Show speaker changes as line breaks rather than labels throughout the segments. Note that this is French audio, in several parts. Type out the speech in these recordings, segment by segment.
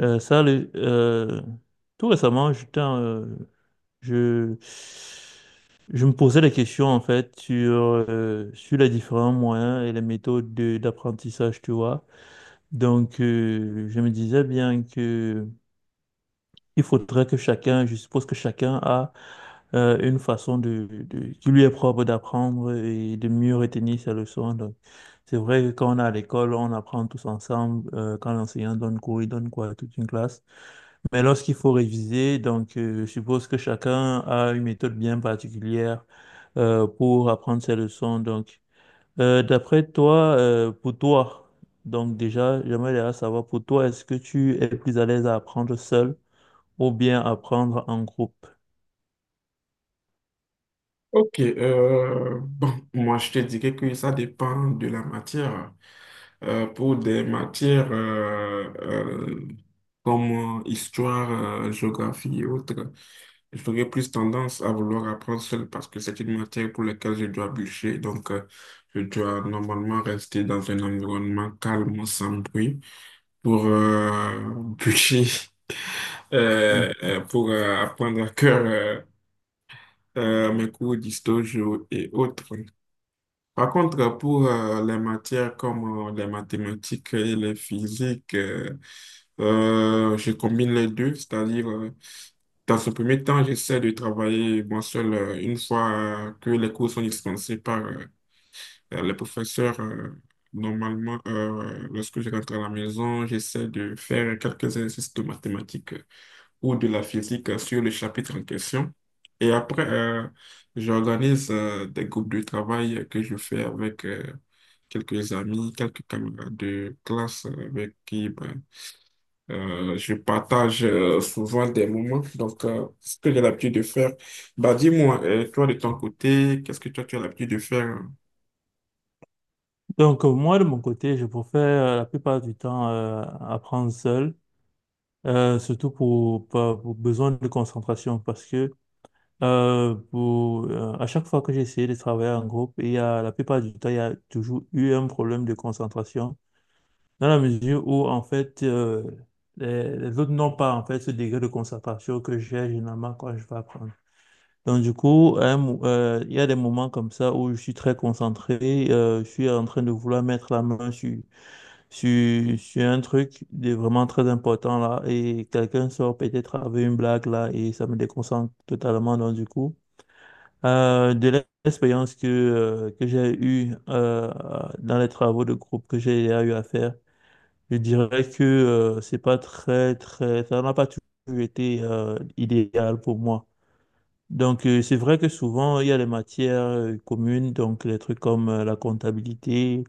Euh, ça, le- euh, tout récemment, je, je me posais des questions en fait sur les différents moyens et les méthodes d'apprentissage, tu vois. Je me disais bien que il faudrait que chacun, je suppose que chacun a une façon qui lui est propre d'apprendre et de mieux retenir ses leçons. Donc, c'est vrai que quand on est à l'école, on apprend tous ensemble. Quand l'enseignant donne cours, il donne quoi à toute une classe. Mais lorsqu'il faut réviser, je suppose que chacun a une méthode bien particulière pour apprendre ses leçons. Donc, d'après toi, pour toi, donc déjà, J'aimerais déjà savoir pour toi, est-ce que tu es plus à l'aise à apprendre seul ou bien apprendre en groupe?
Moi je te dirais que ça dépend de la matière. Pour des matières comme histoire, géographie et autres, j'aurais plus tendance à vouloir apprendre seul parce que c'est une matière pour laquelle je dois bûcher. Donc, je dois normalement rester dans un environnement calme, sans bruit, pour bûcher,
Mm.
pour apprendre à cœur mes cours d'histoire géo et autres. Par contre, pour les matières comme les mathématiques et les physiques, je combine les deux, c'est-à-dire, dans ce premier temps, j'essaie de travailler moi seul une fois que les cours sont dispensés par les professeurs. Normalement, lorsque je rentre à la maison, j'essaie de faire quelques exercices de mathématiques ou de la physique sur le chapitre en question. Et après, j'organise des groupes de travail que je fais avec quelques amis, quelques camarades de classe avec qui je partage souvent des moments. Donc, ce que j'ai l'habitude de faire, bah dis-moi, toi de ton côté, qu'est-ce que toi tu as l'habitude de faire?
Moi, de mon côté, je préfère la plupart du temps apprendre seul, surtout pour besoin de concentration, parce que à chaque fois que j'ai essayé de travailler en groupe, il y a, la plupart du temps, il y a toujours eu un problème de concentration, dans la mesure où, en fait, les autres n'ont pas, en fait, ce degré de concentration que j'ai généralement quand je vais apprendre. Donc, du coup, il y a des moments comme ça où je suis très concentré, je suis en train de vouloir mettre la main sur un truc de vraiment très important là, et quelqu'un sort peut-être avec une blague là, et ça me déconcentre totalement. Donc, du coup, de l'expérience que j'ai eue dans les travaux de groupe que j'ai eu à faire, je dirais que c'est pas très, très, ça n'a pas toujours été idéal pour moi. Donc, c'est vrai que souvent, il y a des matières communes, donc les trucs comme la comptabilité,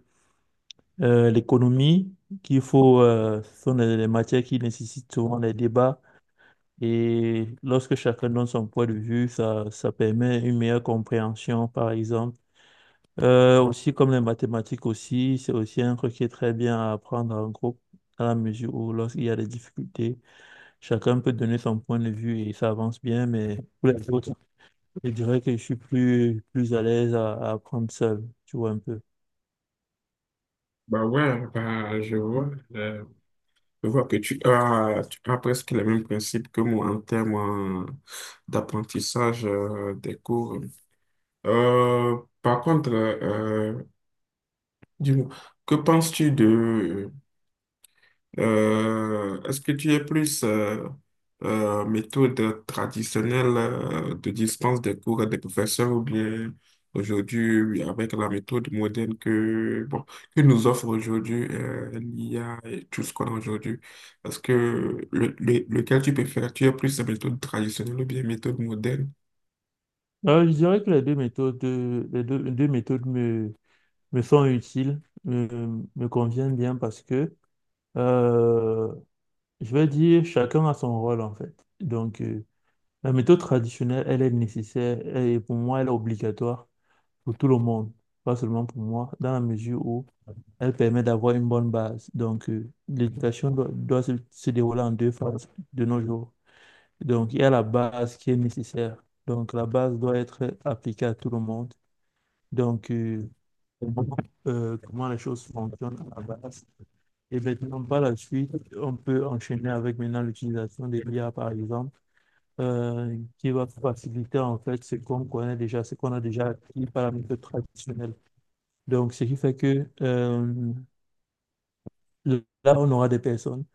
l'économie, ce sont des matières qui nécessitent souvent des débats. Et lorsque chacun donne son point de vue, ça permet une meilleure compréhension, par exemple. Aussi comme les mathématiques aussi, c'est aussi un truc qui est très bien à apprendre en groupe, à la mesure où lorsqu'il y a des difficultés, chacun peut donner son point de vue et ça avance bien, mais pour les autres, je dirais que je suis plus à l'aise à apprendre seul, tu vois un peu.
Bah ouais, bah, je vois que tu as presque les mêmes principes que moi en termes d'apprentissage des cours. Par contre, dis-moi, que penses-tu de... est-ce que tu es plus méthode traditionnelle de dispense des cours des professeurs ou bien aujourd'hui oui, avec la méthode moderne que, bon, que nous offre aujourd'hui l'IA et tout ce qu'on a aujourd'hui? Est-ce que lequel tu préfères? Tu es plus méthode traditionnelle ou bien méthode moderne?
Je dirais que les deux méthodes, les deux méthodes me sont utiles, me conviennent bien parce que, euh, je vais dire, chacun a son rôle en fait. Donc, euh, La méthode traditionnelle, elle est nécessaire et pour moi, elle est obligatoire pour tout le monde, pas seulement pour moi, dans la mesure où elle permet d'avoir une bonne base. Donc, l'éducation doit se dérouler en deux phases de nos jours. Donc, il y a la base qui est nécessaire. Donc, la base doit être appliquée à tout le monde. Donc, euh, Comment les choses fonctionnent à la base. Et maintenant, par la suite, on peut enchaîner avec maintenant l'utilisation des IA, par exemple qui va faciliter en fait ce qu'on connaît déjà, ce qu'on a déjà acquis par la méthode traditionnelle. Donc, ce qui fait que là, on aura des personnes,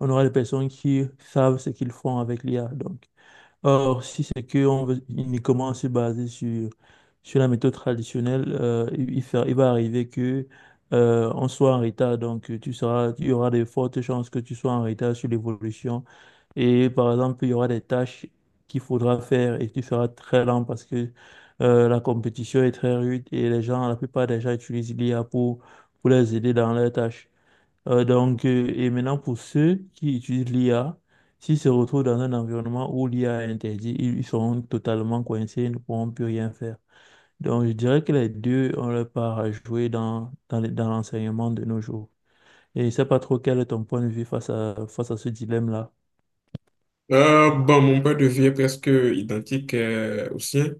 on aura des personnes qui savent ce qu'ils font avec l'IA. Or, si c'est qu'on veut uniquement se baser sur la méthode traditionnelle, il va arriver que on soit en retard. Il y aura de fortes chances que tu sois en retard sur l'évolution. Et par exemple, il y aura des tâches qu'il faudra faire et tu seras très lent parce que la compétition est très rude et les gens, la plupart des gens utilisent l'IA pour les aider dans leurs tâches. Et maintenant, pour ceux qui utilisent l'IA, s'ils se retrouvent dans un environnement où l'IA est interdite, ils seront totalement coincés, ils ne pourront plus rien faire. Donc, je dirais que les deux ont leur part à jouer dans l'enseignement de nos jours. Et je ne sais pas trop quel est ton point de vue face à ce dilemme-là.
Mon point de vue est presque identique au sien.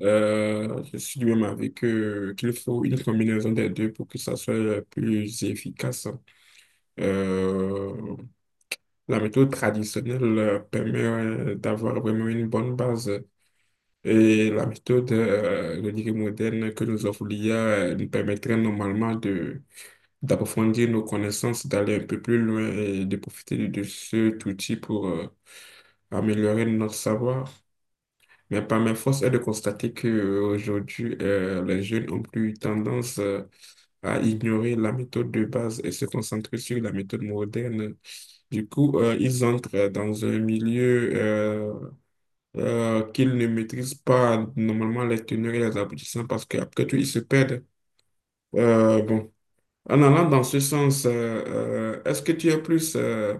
Je suis du même avis que qu'il faut une combinaison des deux pour que ça soit le plus efficace. Euh, la méthode traditionnelle permet d'avoir vraiment une bonne base, et la méthode je dirais moderne que nous offre l'IA nous permettrait normalement de d'approfondir nos connaissances, d'aller un peu plus loin et de profiter de cet outil pour améliorer notre savoir. Mais par mes forces est de constater qu'aujourd'hui, les jeunes ont plus tendance à ignorer la méthode de base et se concentrer sur la méthode moderne. Du coup, ils entrent dans un milieu qu'ils ne maîtrisent pas normalement les teneurs et les aboutissants parce qu'après tout, ils se perdent. Bon. En allant dans ce sens, est-ce que tu es plus euh,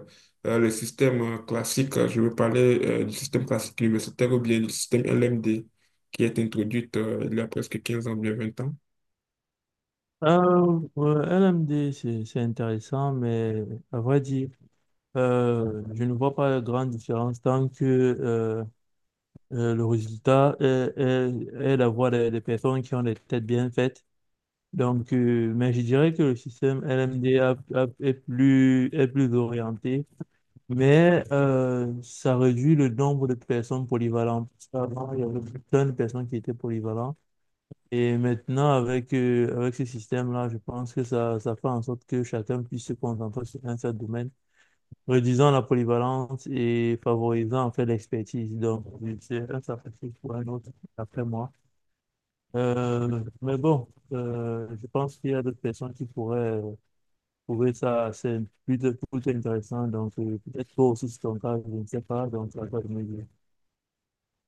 euh, le système classique, je veux parler du système classique universitaire ou bien du système LMD qui est introduit il y a presque 15 ans, bien 20 ans?
Ouais, LMD, c'est intéressant, mais à vrai dire, je ne vois pas de grande différence tant que le résultat est la voix des personnes qui ont des têtes bien faites. Donc, mais je dirais que le système LMD est plus orienté, mais ça réduit le nombre de personnes polyvalentes. Avant, il y avait plein de personnes qui étaient polyvalentes. Et maintenant, avec ce système-là, je pense ça fait en sorte que chacun puisse se concentrer sur un seul domaine, réduisant la polyvalence et favorisant en fait l'expertise. Donc, c'est un sacrifice pour un autre, après moi. Mais bon, je pense qu'il y a d'autres personnes qui pourraient trouver ça assez plutôt intéressant. Donc, peut-être toi aussi, c'est ton cas, je ne sais pas. Donc, ça toi de me dire.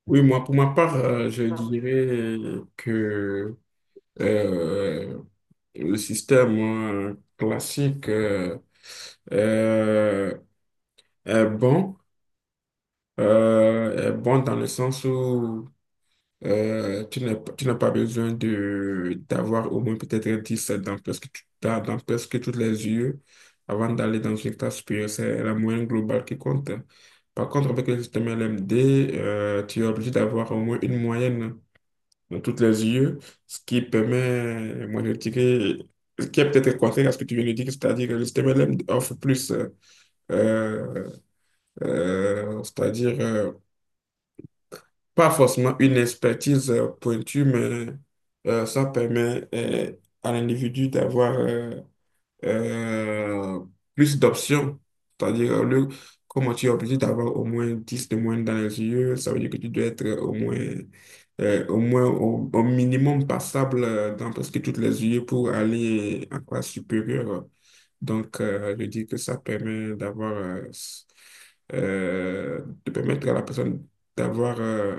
Oui, moi, pour ma part, je dirais que euh, le système classique euh, est bon, est bon dans le sens où tu n'as pas besoin de d'avoir au moins peut-être un 10 dans dans, dans presque toutes les UE avant d'aller dans une classe supérieure. C'est la moyenne globale qui compte. Par contre, avec le système LMD, tu es obligé d'avoir au moins une moyenne dans toutes les UE, ce qui permet, moi je dirais, ce qui est peut-être contraire à ce que tu viens de dire, c'est-à-dire que le système LMD offre plus, euh, c'est-à-dire pas forcément une expertise pointue, mais ça permet à l'individu d'avoir euh, plus d'options. C'est-à-dire, le, comment tu es obligé d'avoir au moins 10 de moins dans les yeux, ça veut dire que tu dois être au moins, au moins au minimum passable dans presque toutes les yeux pour aller en classe supérieure. Donc, je dis que ça permet d'avoir, euh, de permettre à la personne d'avoir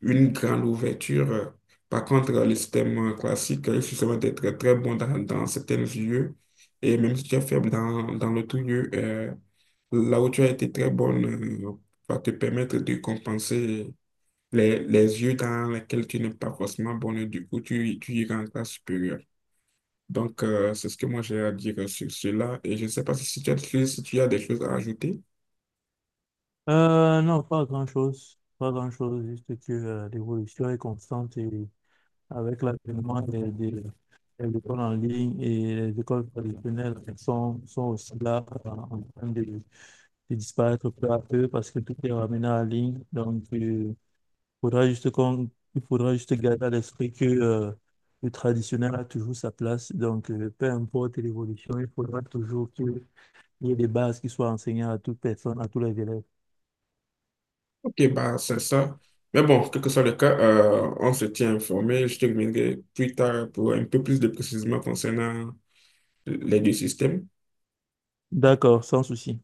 une grande ouverture. Par contre, le système classique, il suffit seulement d'être très bon dans, dans certains lieux. Et même si tu es faible dans, dans l'autre lieu, là où tu as été très bonne, va te permettre de compenser les yeux dans lesquels tu n'es pas forcément bonne. Du coup, tu iras en classe supérieure. Donc, c'est ce que moi j'ai à dire sur cela. Et je ne sais pas si tu as, si tu as des choses à ajouter.
Non, pas grand-chose. Pas grand-chose, juste que l'évolution est constante et avec l'avènement, les écoles en ligne et les écoles traditionnelles sont aussi là en train de disparaître peu à peu parce que tout est ramené en ligne. Donc, il faudra juste garder à l'esprit que le traditionnel a toujours sa place. Donc, peu importe l'évolution, il faudra toujours qu'il y ait des bases qui soient enseignées à toute personne, à tous les élèves.
Ok, bah, c'est ça. Mais bon, quel que soit le cas, on se tient informé. Je te reviendrai plus tard pour un peu plus de précisions concernant les deux systèmes.
D'accord, sans souci.